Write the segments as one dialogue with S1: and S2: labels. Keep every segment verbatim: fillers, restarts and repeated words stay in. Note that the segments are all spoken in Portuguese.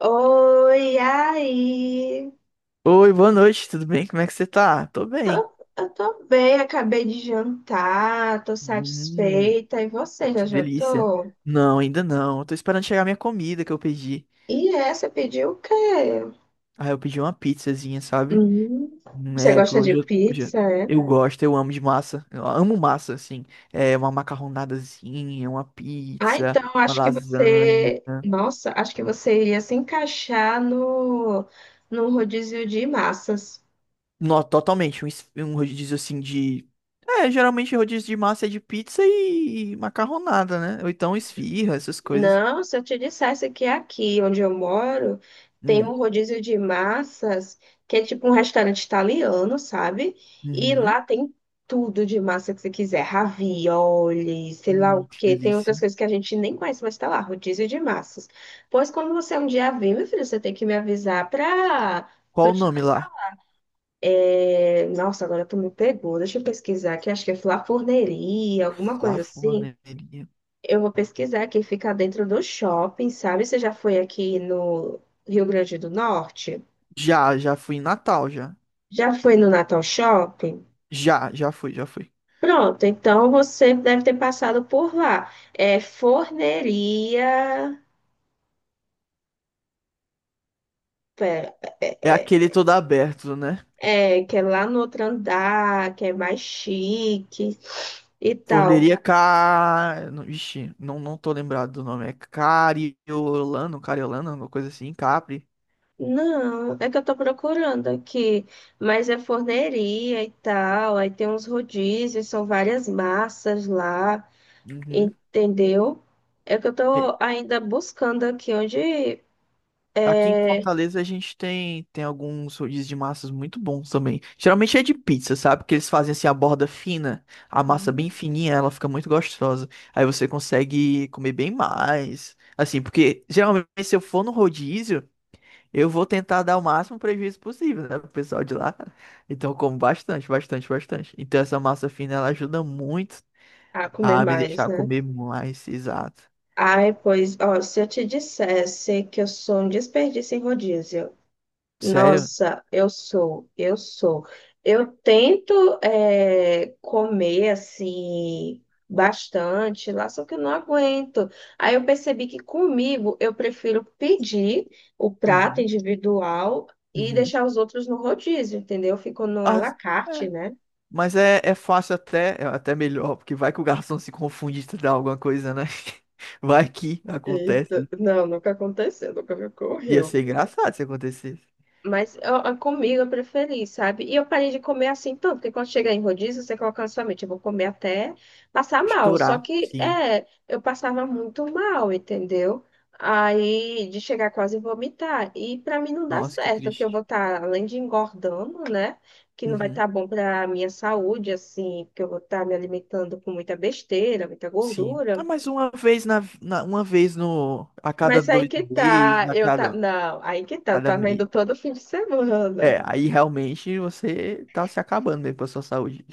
S1: Oi, aí.
S2: Oi, boa noite, tudo bem? Como é que você tá? Tô bem.
S1: Tô- eu tô bem, acabei de jantar, tô
S2: Hum,
S1: satisfeita. E você já
S2: que delícia.
S1: jantou?
S2: Não, ainda não. Eu tô esperando chegar minha comida que eu pedi.
S1: E é, você pediu o quê?
S2: Ah, eu pedi uma pizzazinha, sabe?
S1: Hum,
S2: Hum,
S1: você
S2: É, porque
S1: gosta de
S2: hoje eu, hoje
S1: pizza,
S2: eu
S1: é?
S2: eu gosto, eu amo de massa. Eu amo massa, assim. É, uma macarronadazinha, uma
S1: Ah,
S2: pizza,
S1: então
S2: uma
S1: acho que
S2: lasanha.
S1: você. Nossa, acho que você iria se encaixar no, no rodízio de massas.
S2: Não, totalmente. Um, es- um rodízio assim de. É, geralmente rodízio de massa é de pizza e macarronada, né? Ou então esfirra, essas coisas.
S1: Não, se eu te dissesse que aqui onde eu moro tem um
S2: Hum.
S1: rodízio de massas, que é tipo um restaurante italiano, sabe? E
S2: Uhum.
S1: lá tem tudo de massa que você quiser, ravioli, sei lá
S2: Hum,
S1: o
S2: que
S1: quê. Tem outras
S2: delícia.
S1: coisas que a gente nem conhece, mas tá lá, rodízio de massas. Pois quando você um dia vir, meu filho, você tem que me avisar pra.
S2: Qual o nome lá?
S1: Nossa, agora tu me pegou. Deixa eu pesquisar aqui, acho que é Flafurneria, alguma
S2: Lá
S1: coisa assim.
S2: Flanelinha.
S1: Eu vou pesquisar que fica dentro do shopping, sabe? Você já foi aqui no Rio Grande do Norte?
S2: Já, já fui em Natal, já.
S1: Já foi no Natal Shopping?
S2: Já, já fui, já fui.
S1: Pronto, então você deve ter passado por lá. É forneria. Pera,
S2: É aquele todo aberto, né?
S1: é, é, que é lá no outro andar, que é mais chique e tal.
S2: Forneria Car... não- Ixi, não, não tô lembrado do nome. É Cariolano, Cariolano, alguma coisa assim, Capri.
S1: Não, é que eu tô procurando aqui, mas é forneria e tal. Aí tem uns rodízios, são várias massas lá.
S2: Uhum.
S1: Entendeu? É que eu tô ainda buscando aqui onde
S2: Aqui em
S1: é,
S2: Fortaleza a gente tem, tem alguns rodízios de massas muito bons também. Geralmente é de pizza, sabe? Porque eles fazem assim a borda fina, a massa bem fininha, ela fica muito gostosa. Aí você consegue comer bem mais. Assim, porque geralmente se eu for no rodízio, eu vou tentar dar o máximo prejuízo possível, né, pro pessoal de lá. Então eu como bastante, bastante, bastante. Então essa massa fina ela ajuda muito
S1: ah, comer
S2: a me
S1: mais,
S2: deixar
S1: né?
S2: comer mais, exato.
S1: Ai, pois, ó, se eu te dissesse que eu sou um desperdício em rodízio,
S2: Sério?
S1: nossa, eu sou, eu sou. Eu tento é, comer assim bastante lá, só que eu não aguento. Aí eu percebi que comigo eu prefiro pedir o prato
S2: Uhum,
S1: individual e
S2: uhum.
S1: deixar os outros no rodízio, entendeu? Fico no à
S2: Ah,
S1: la carte, né?
S2: mas é, é fácil até, é até melhor, porque vai que o garçom se confunde e te dá alguma coisa, né? Vai que
S1: Eita,
S2: acontece.
S1: não, nunca aconteceu, nunca me
S2: Ia
S1: ocorreu.
S2: ser engraçado se acontecesse.
S1: Mas eu, eu- comigo eu preferi, sabe? E eu parei de comer assim tanto, porque quando chega em rodízio, você coloca na sua mente, eu vou comer até passar mal. Só
S2: Estourar,
S1: que,
S2: sim.
S1: é, eu passava muito mal, entendeu? Aí, de chegar quase a vomitar. E pra mim não dá
S2: Nossa, que
S1: certo, porque eu
S2: triste.
S1: vou estar, além de engordando, né? Que não vai
S2: Uhum,
S1: estar bom pra minha saúde, assim, porque eu vou estar me alimentando com muita besteira, muita
S2: sim.
S1: gordura.
S2: Ah, mas uma vez na, na- uma vez no a cada
S1: Mas aí
S2: dois
S1: que
S2: meses,
S1: tá,
S2: a
S1: eu tá,
S2: cada
S1: não, aí que tá, eu
S2: cada
S1: tava
S2: mês.
S1: indo todo fim de semana.
S2: É, aí realmente você tá se acabando mesmo pra sua saúde,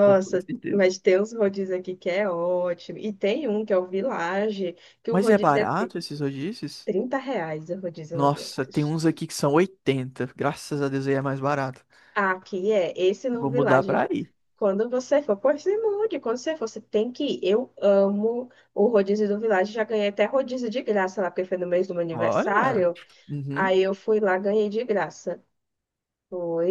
S2: com toda certeza.
S1: mas tem uns rodízios aqui que é ótimo. E tem um que é o Village, que o
S2: Mas é
S1: rodízio é tri-
S2: barato esses rodízios?
S1: trinta reais o rodízio no
S2: Nossa, tem
S1: Village.
S2: uns aqui que são oitenta. Graças a Deus, aí é mais barato.
S1: Aqui é, esse no
S2: Vou mudar
S1: Village,
S2: pra aí.
S1: quando você for, pois se mude, quando você for, você tem que ir. Eu amo o rodízio do Village, já ganhei até rodízio de graça lá, porque foi no mês do meu
S2: Olha.
S1: aniversário,
S2: Uhum.
S1: aí eu fui lá, ganhei de graça.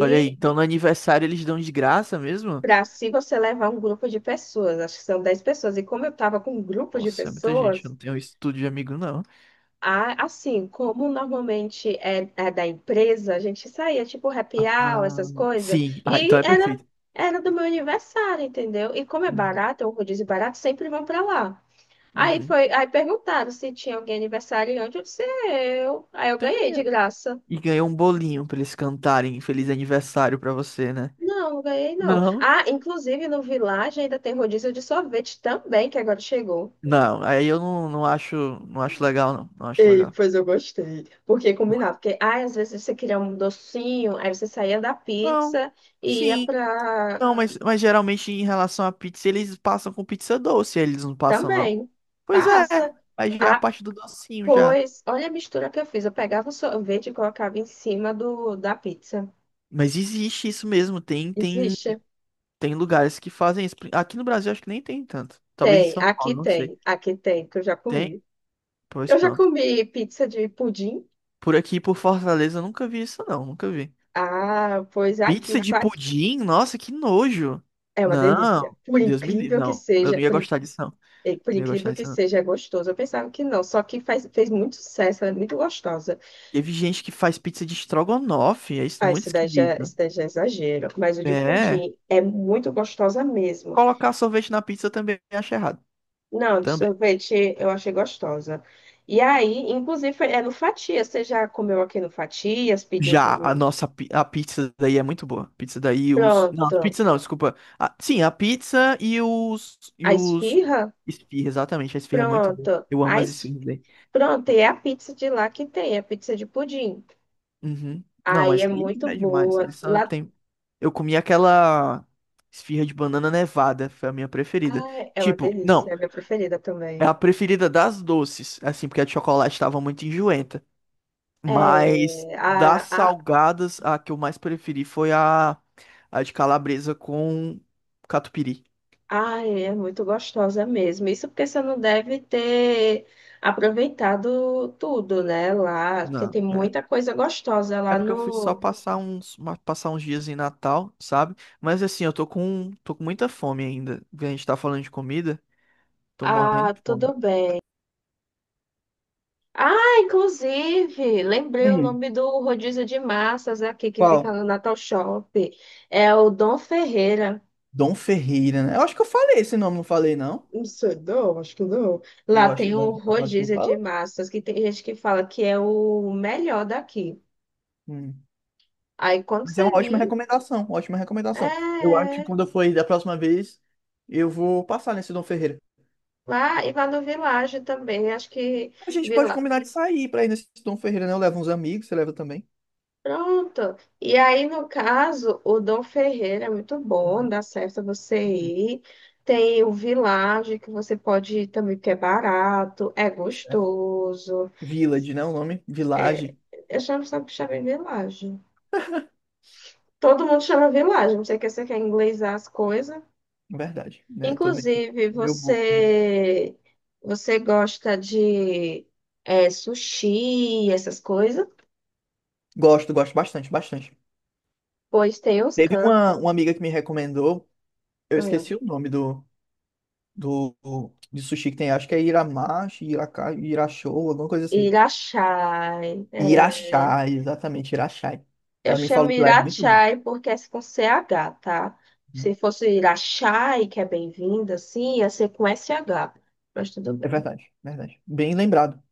S2: Olha aí, então no aniversário eles dão de graça mesmo?
S1: Pra se você levar um grupo de pessoas, acho que são dez pessoas, e como eu tava com um grupo de
S2: Nossa, é muita gente, eu
S1: pessoas,
S2: não tenho isso tudo de amigo, não.
S1: ah, assim, como normalmente é, é da empresa, a gente saía tipo happy hour,
S2: Ah,
S1: essas coisas,
S2: sim, ah,
S1: e
S2: então é
S1: era,
S2: perfeito.
S1: era do meu aniversário, entendeu? E como é
S2: Uhum.
S1: barato, é um rodízio barato, sempre vão pra lá. Aí
S2: Uhum.
S1: foi, aí perguntaram se tinha alguém aniversariante, eu disse, "É eu. Aí eu ganhei
S2: Tem.
S1: de
S2: É.
S1: graça.
S2: E ganhou um bolinho pra eles cantarem Feliz Aniversário pra você, né?
S1: Não, não ganhei não.
S2: Não,
S1: Ah, inclusive no Village ainda tem rodízio de sorvete também, que agora chegou.
S2: não, aí eu não, não acho, não acho legal, não. Não acho
S1: Ei,
S2: legal.
S1: pois eu gostei. Porque
S2: Por-
S1: combinava. Porque ai, às vezes você queria um docinho, aí você saía da
S2: Não,
S1: pizza e ia
S2: sim,
S1: para
S2: não, mas, mas geralmente em relação à pizza, eles passam com pizza doce, eles não passam, não.
S1: também.
S2: Pois é,
S1: Passa.
S2: mas já é a
S1: Ah,
S2: parte do docinho já.
S1: pois, olha a mistura que eu fiz. Eu pegava o sorvete e colocava em cima do, da pizza.
S2: Mas existe isso mesmo, tem tem
S1: Existe?
S2: tem lugares que fazem isso. Aqui no Brasil acho que nem tem tanto. Talvez em
S1: Tem,
S2: São
S1: aqui
S2: Paulo, não sei.
S1: tem, aqui tem, que eu já
S2: Tem?
S1: comi.
S2: Pois
S1: Eu já
S2: pronto.
S1: comi pizza de pudim.
S2: Por aqui, por Fortaleza, eu nunca vi isso não, nunca vi.
S1: Ah, pois aqui o
S2: Pizza de
S1: fato
S2: pudim? Nossa, que nojo.
S1: é uma delícia.
S2: Não,
S1: Por
S2: Deus me livre.
S1: incrível que
S2: Não, eu
S1: seja,
S2: não ia
S1: por
S2: gostar disso não.
S1: e, por
S2: Não ia
S1: incrível
S2: gostar
S1: que
S2: disso não.
S1: seja, é gostoso. Eu pensava que não, só que faz, fez muito sucesso, ela é muito gostosa.
S2: Teve gente que faz pizza de estrogonofe, é isso
S1: Ah,
S2: muito
S1: esse daí já,
S2: esquisito.
S1: esse daí já é exagero. Mas o de
S2: É,
S1: pudim é muito gostosa mesmo.
S2: colocar sorvete na pizza eu também acho errado.
S1: Não, de
S2: Também.
S1: sorvete eu achei gostosa. E aí, inclusive, é no Fatias. Você já comeu aqui no Fatias? Pediu
S2: Já, a
S1: comigo?
S2: nossa pi- a pizza daí é muito boa. Pizza daí, os. Não,
S1: Pronto.
S2: pizza não, desculpa. Ah, sim, a pizza e os.
S1: A
S2: E os.
S1: esfirra?
S2: Esfirra, exatamente. A esfirra é muito boa.
S1: Pronto.
S2: Eu amo
S1: A
S2: as
S1: es-
S2: esfirras daí.
S1: Pronto, e é a pizza de lá que tem, a pizza de pudim.
S2: Uhum. Não,
S1: Aí é
S2: mas aí
S1: muito
S2: é demais.
S1: boa.
S2: Eles só
S1: Lá...
S2: tem. Eu comi aquela esfirra de banana nevada. Foi a minha preferida.
S1: Ai, é uma
S2: Tipo,
S1: delícia,
S2: não,
S1: é a minha preferida
S2: é
S1: também.
S2: a preferida das doces. Assim, porque a de chocolate tava muito enjoenta. Mas
S1: É,
S2: das
S1: a, a,
S2: salgadas, a que eu mais preferi foi a, a de calabresa com catupiry.
S1: ai, é muito gostosa mesmo. Isso porque você não deve ter aproveitado tudo, né? Lá, porque
S2: Não,
S1: tem
S2: é.
S1: muita coisa gostosa
S2: É
S1: lá
S2: porque eu fui só
S1: no.
S2: passar uns, ma- passar uns dias em Natal, sabe? Mas assim, eu tô com, tô com muita fome ainda. A gente tá falando de comida, tô morrendo
S1: Ah,
S2: de fome.
S1: tudo bem. Ah, inclusive, lembrei o
S2: Hum,
S1: nome do rodízio de massas aqui que fica
S2: Qual?
S1: no Natal Shop. É o Dom Ferreira.
S2: Dom Ferreira, né? Eu acho que eu falei esse nome, não falei, não?
S1: Não sei, não, acho que não. Lá
S2: Eu acho,
S1: tem o
S2: eu acho que eu
S1: rodízio de
S2: falei.
S1: massas, que tem gente que fala que é o melhor daqui.
S2: Hum.
S1: Aí quando
S2: Mas é
S1: você
S2: uma ótima
S1: vir.
S2: recomendação, ótima
S1: É,
S2: recomendação. Eu acho que
S1: é.
S2: quando eu for aí da próxima vez, eu vou passar nesse Dom Ferreira.
S1: Lá e lá no Village também, acho que
S2: A gente pode
S1: Village.
S2: combinar de sair pra ir nesse Tom Ferreira, né? Eu levo uns amigos, você leva também,
S1: Pronto. E aí, no caso, o Dom Ferreira é muito bom,
S2: uhum,
S1: dá certo você
S2: uhum.
S1: ir. Tem o Village que você pode ir também, porque é barato, é
S2: Certo?
S1: gostoso.
S2: Village, né? O nome?
S1: É,
S2: Village,
S1: eu chamo sempre chamo de Village. Todo mundo chama Village, não sei que você quer inglesar as coisas.
S2: na verdade, né? Tô meio,
S1: Inclusive,
S2: meio burro.
S1: você você gosta de é, sushi, essas coisas?
S2: Gosto, gosto bastante, bastante.
S1: Pois tem os
S2: Teve
S1: cantos.
S2: uma, uma amiga que me recomendou, eu
S1: Ah,
S2: esqueci o nome do, do, de sushi que tem, acho que é Iramashi, Iraka, Irachou, alguma coisa assim.
S1: Irachai. É,
S2: Irachá, exatamente, Irachá.
S1: eu
S2: Ela me
S1: chamo
S2: falou que lá é muito bom.
S1: Irachai porque é com C H, tá? Se fosse Irachai, que é bem-vinda, sim, ia ser com S H. Mas tudo
S2: É
S1: bem.
S2: verdade, verdade. Bem lembrado.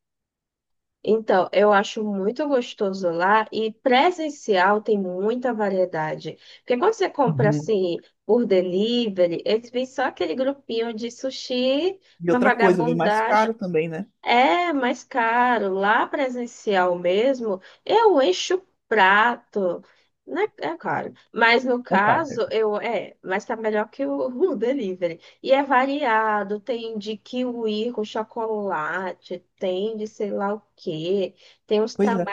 S1: Então, eu acho muito gostoso lá e presencial tem muita variedade. Porque quando você compra
S2: Uhum.
S1: assim por delivery, eles vêm só aquele grupinho de sushi,
S2: E
S1: uma
S2: outra coisa, vem mais
S1: vagabundagem.
S2: caro também, né?
S1: É mais caro. Lá presencial mesmo, eu encho o prato. Né? É claro. Mas no
S2: É caro. É
S1: caso,
S2: caro.
S1: eu é, mas tá melhor que o, o delivery. E é variado, tem de kiwi com chocolate, tem de sei lá o quê, tem uns
S2: Pois é.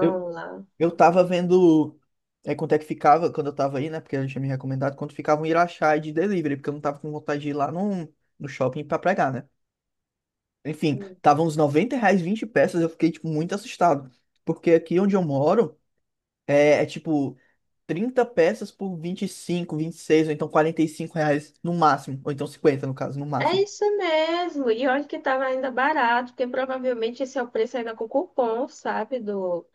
S2: Eu,
S1: lá.
S2: eu tava vendo é, quanto é que ficava quando eu tava aí, né? Porque ela tinha me recomendado quanto ficava um Irachá de delivery, porque eu não tava com vontade de ir lá no, no shopping pra pregar, né? Enfim, tava uns noventa reais vinte peças, eu fiquei, tipo, muito assustado. Porque aqui onde eu moro é, é, tipo trinta peças por vinte vinte e cinco, vinte e seis ou então quarenta e cinco reais no máximo. Ou então cinquenta no caso, no
S1: É
S2: máximo.
S1: isso mesmo. E olha que estava ainda barato, porque provavelmente esse é o preço ainda com cupom, sabe? Do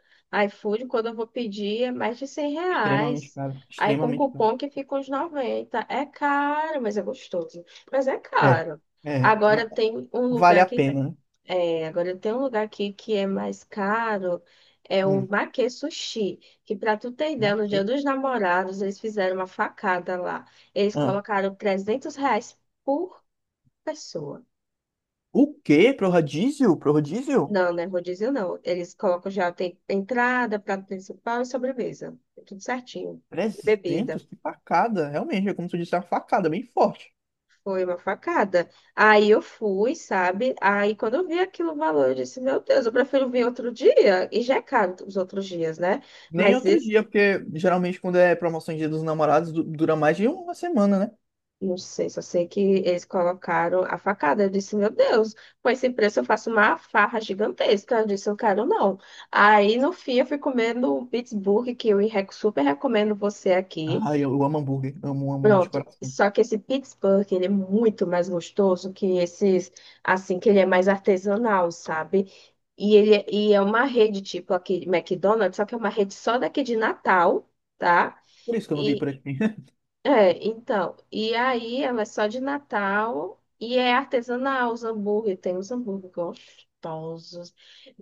S1: iFood, quando eu vou pedir, é mais de cem
S2: Extremamente
S1: reais.
S2: caro.
S1: Aí com
S2: Extremamente caro.
S1: cupom que fica uns noventa. É caro, mas é gostoso. Mas é
S2: É,
S1: caro.
S2: é,
S1: Agora
S2: ma-
S1: tem um
S2: Vale
S1: lugar
S2: a
S1: que
S2: pena, né?
S1: é, agora tem um lugar aqui que é mais caro, é o
S2: Hum,
S1: Make Sushi, que para tu ter ideia,
S2: mas
S1: no
S2: que?
S1: Dia dos Namorados eles fizeram uma facada lá. Eles colocaram trezentos reais pessoa.
S2: O quê? Pro rodízio? Pro rodízio?
S1: Não, né? Rodízio não. Eles colocam já tem entrada, prato principal e sobremesa. É tudo certinho. E bebida.
S2: Trezentos? Que facada. Realmente, é como tu disse, é uma facada bem forte.
S1: Foi uma facada. Aí eu fui, sabe? Aí quando eu vi aquilo o valor, eu disse, meu Deus, eu prefiro vir outro dia. E já é caro os outros dias, né?
S2: Nem
S1: Mas
S2: outro
S1: esse,
S2: dia, porque geralmente quando é promoção de Dia dos Namorados du- dura mais de uma semana, né?
S1: não sei, só sei que eles colocaram a facada. Eu disse, meu Deus, com esse preço eu faço uma farra gigantesca. Eu disse, eu quero não. Aí no fim eu fui comendo um Pittsburgh, que eu re- super recomendo você aqui.
S2: Ah, eu amo hambúrguer. Amo, amo de
S1: Pronto.
S2: coração.
S1: Só que esse Pittsburgh, ele é muito mais gostoso que esses, assim, que ele é mais artesanal, sabe? E ele é- e é uma rede tipo aquele McDonald's, só que é uma rede só daqui de Natal, tá?
S2: Por isso que eu não vi
S1: E
S2: por aqui.
S1: é, então, e aí ela é só de Natal e é artesanal os hambúrguer, tem os hambúrguer gostosos.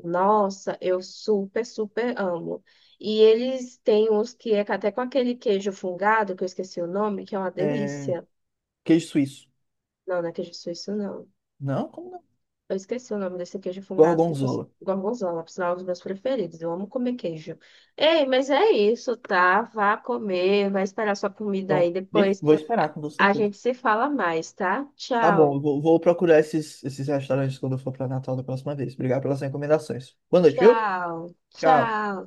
S1: Nossa, eu super, super amo. E eles têm uns que é até com aquele queijo fungado, que eu esqueci o nome, que é uma
S2: É,
S1: delícia.
S2: queijo suíço.
S1: Não, não é queijo suíço, não.
S2: Não? Como não?
S1: Eu esqueci o nome desse queijo fungado que você...
S2: Gorgonzola.
S1: Gorgonzola, por sinal, é um dos meus preferidos. Eu amo comer queijo. Ei, mas é isso, tá? Vá comer, vai esperar sua comida
S2: Pronto.
S1: aí. Depois
S2: Vou
S1: a
S2: esperar, com toda
S1: a
S2: certeza.
S1: gente se fala mais, tá?
S2: Tá bom,
S1: Tchau,
S2: eu vou, vou procurar esses, esses restaurantes quando eu for pra Natal da próxima vez. Obrigado pelas recomendações. Boa noite, viu?
S1: tchau,
S2: Tchau.
S1: tchau.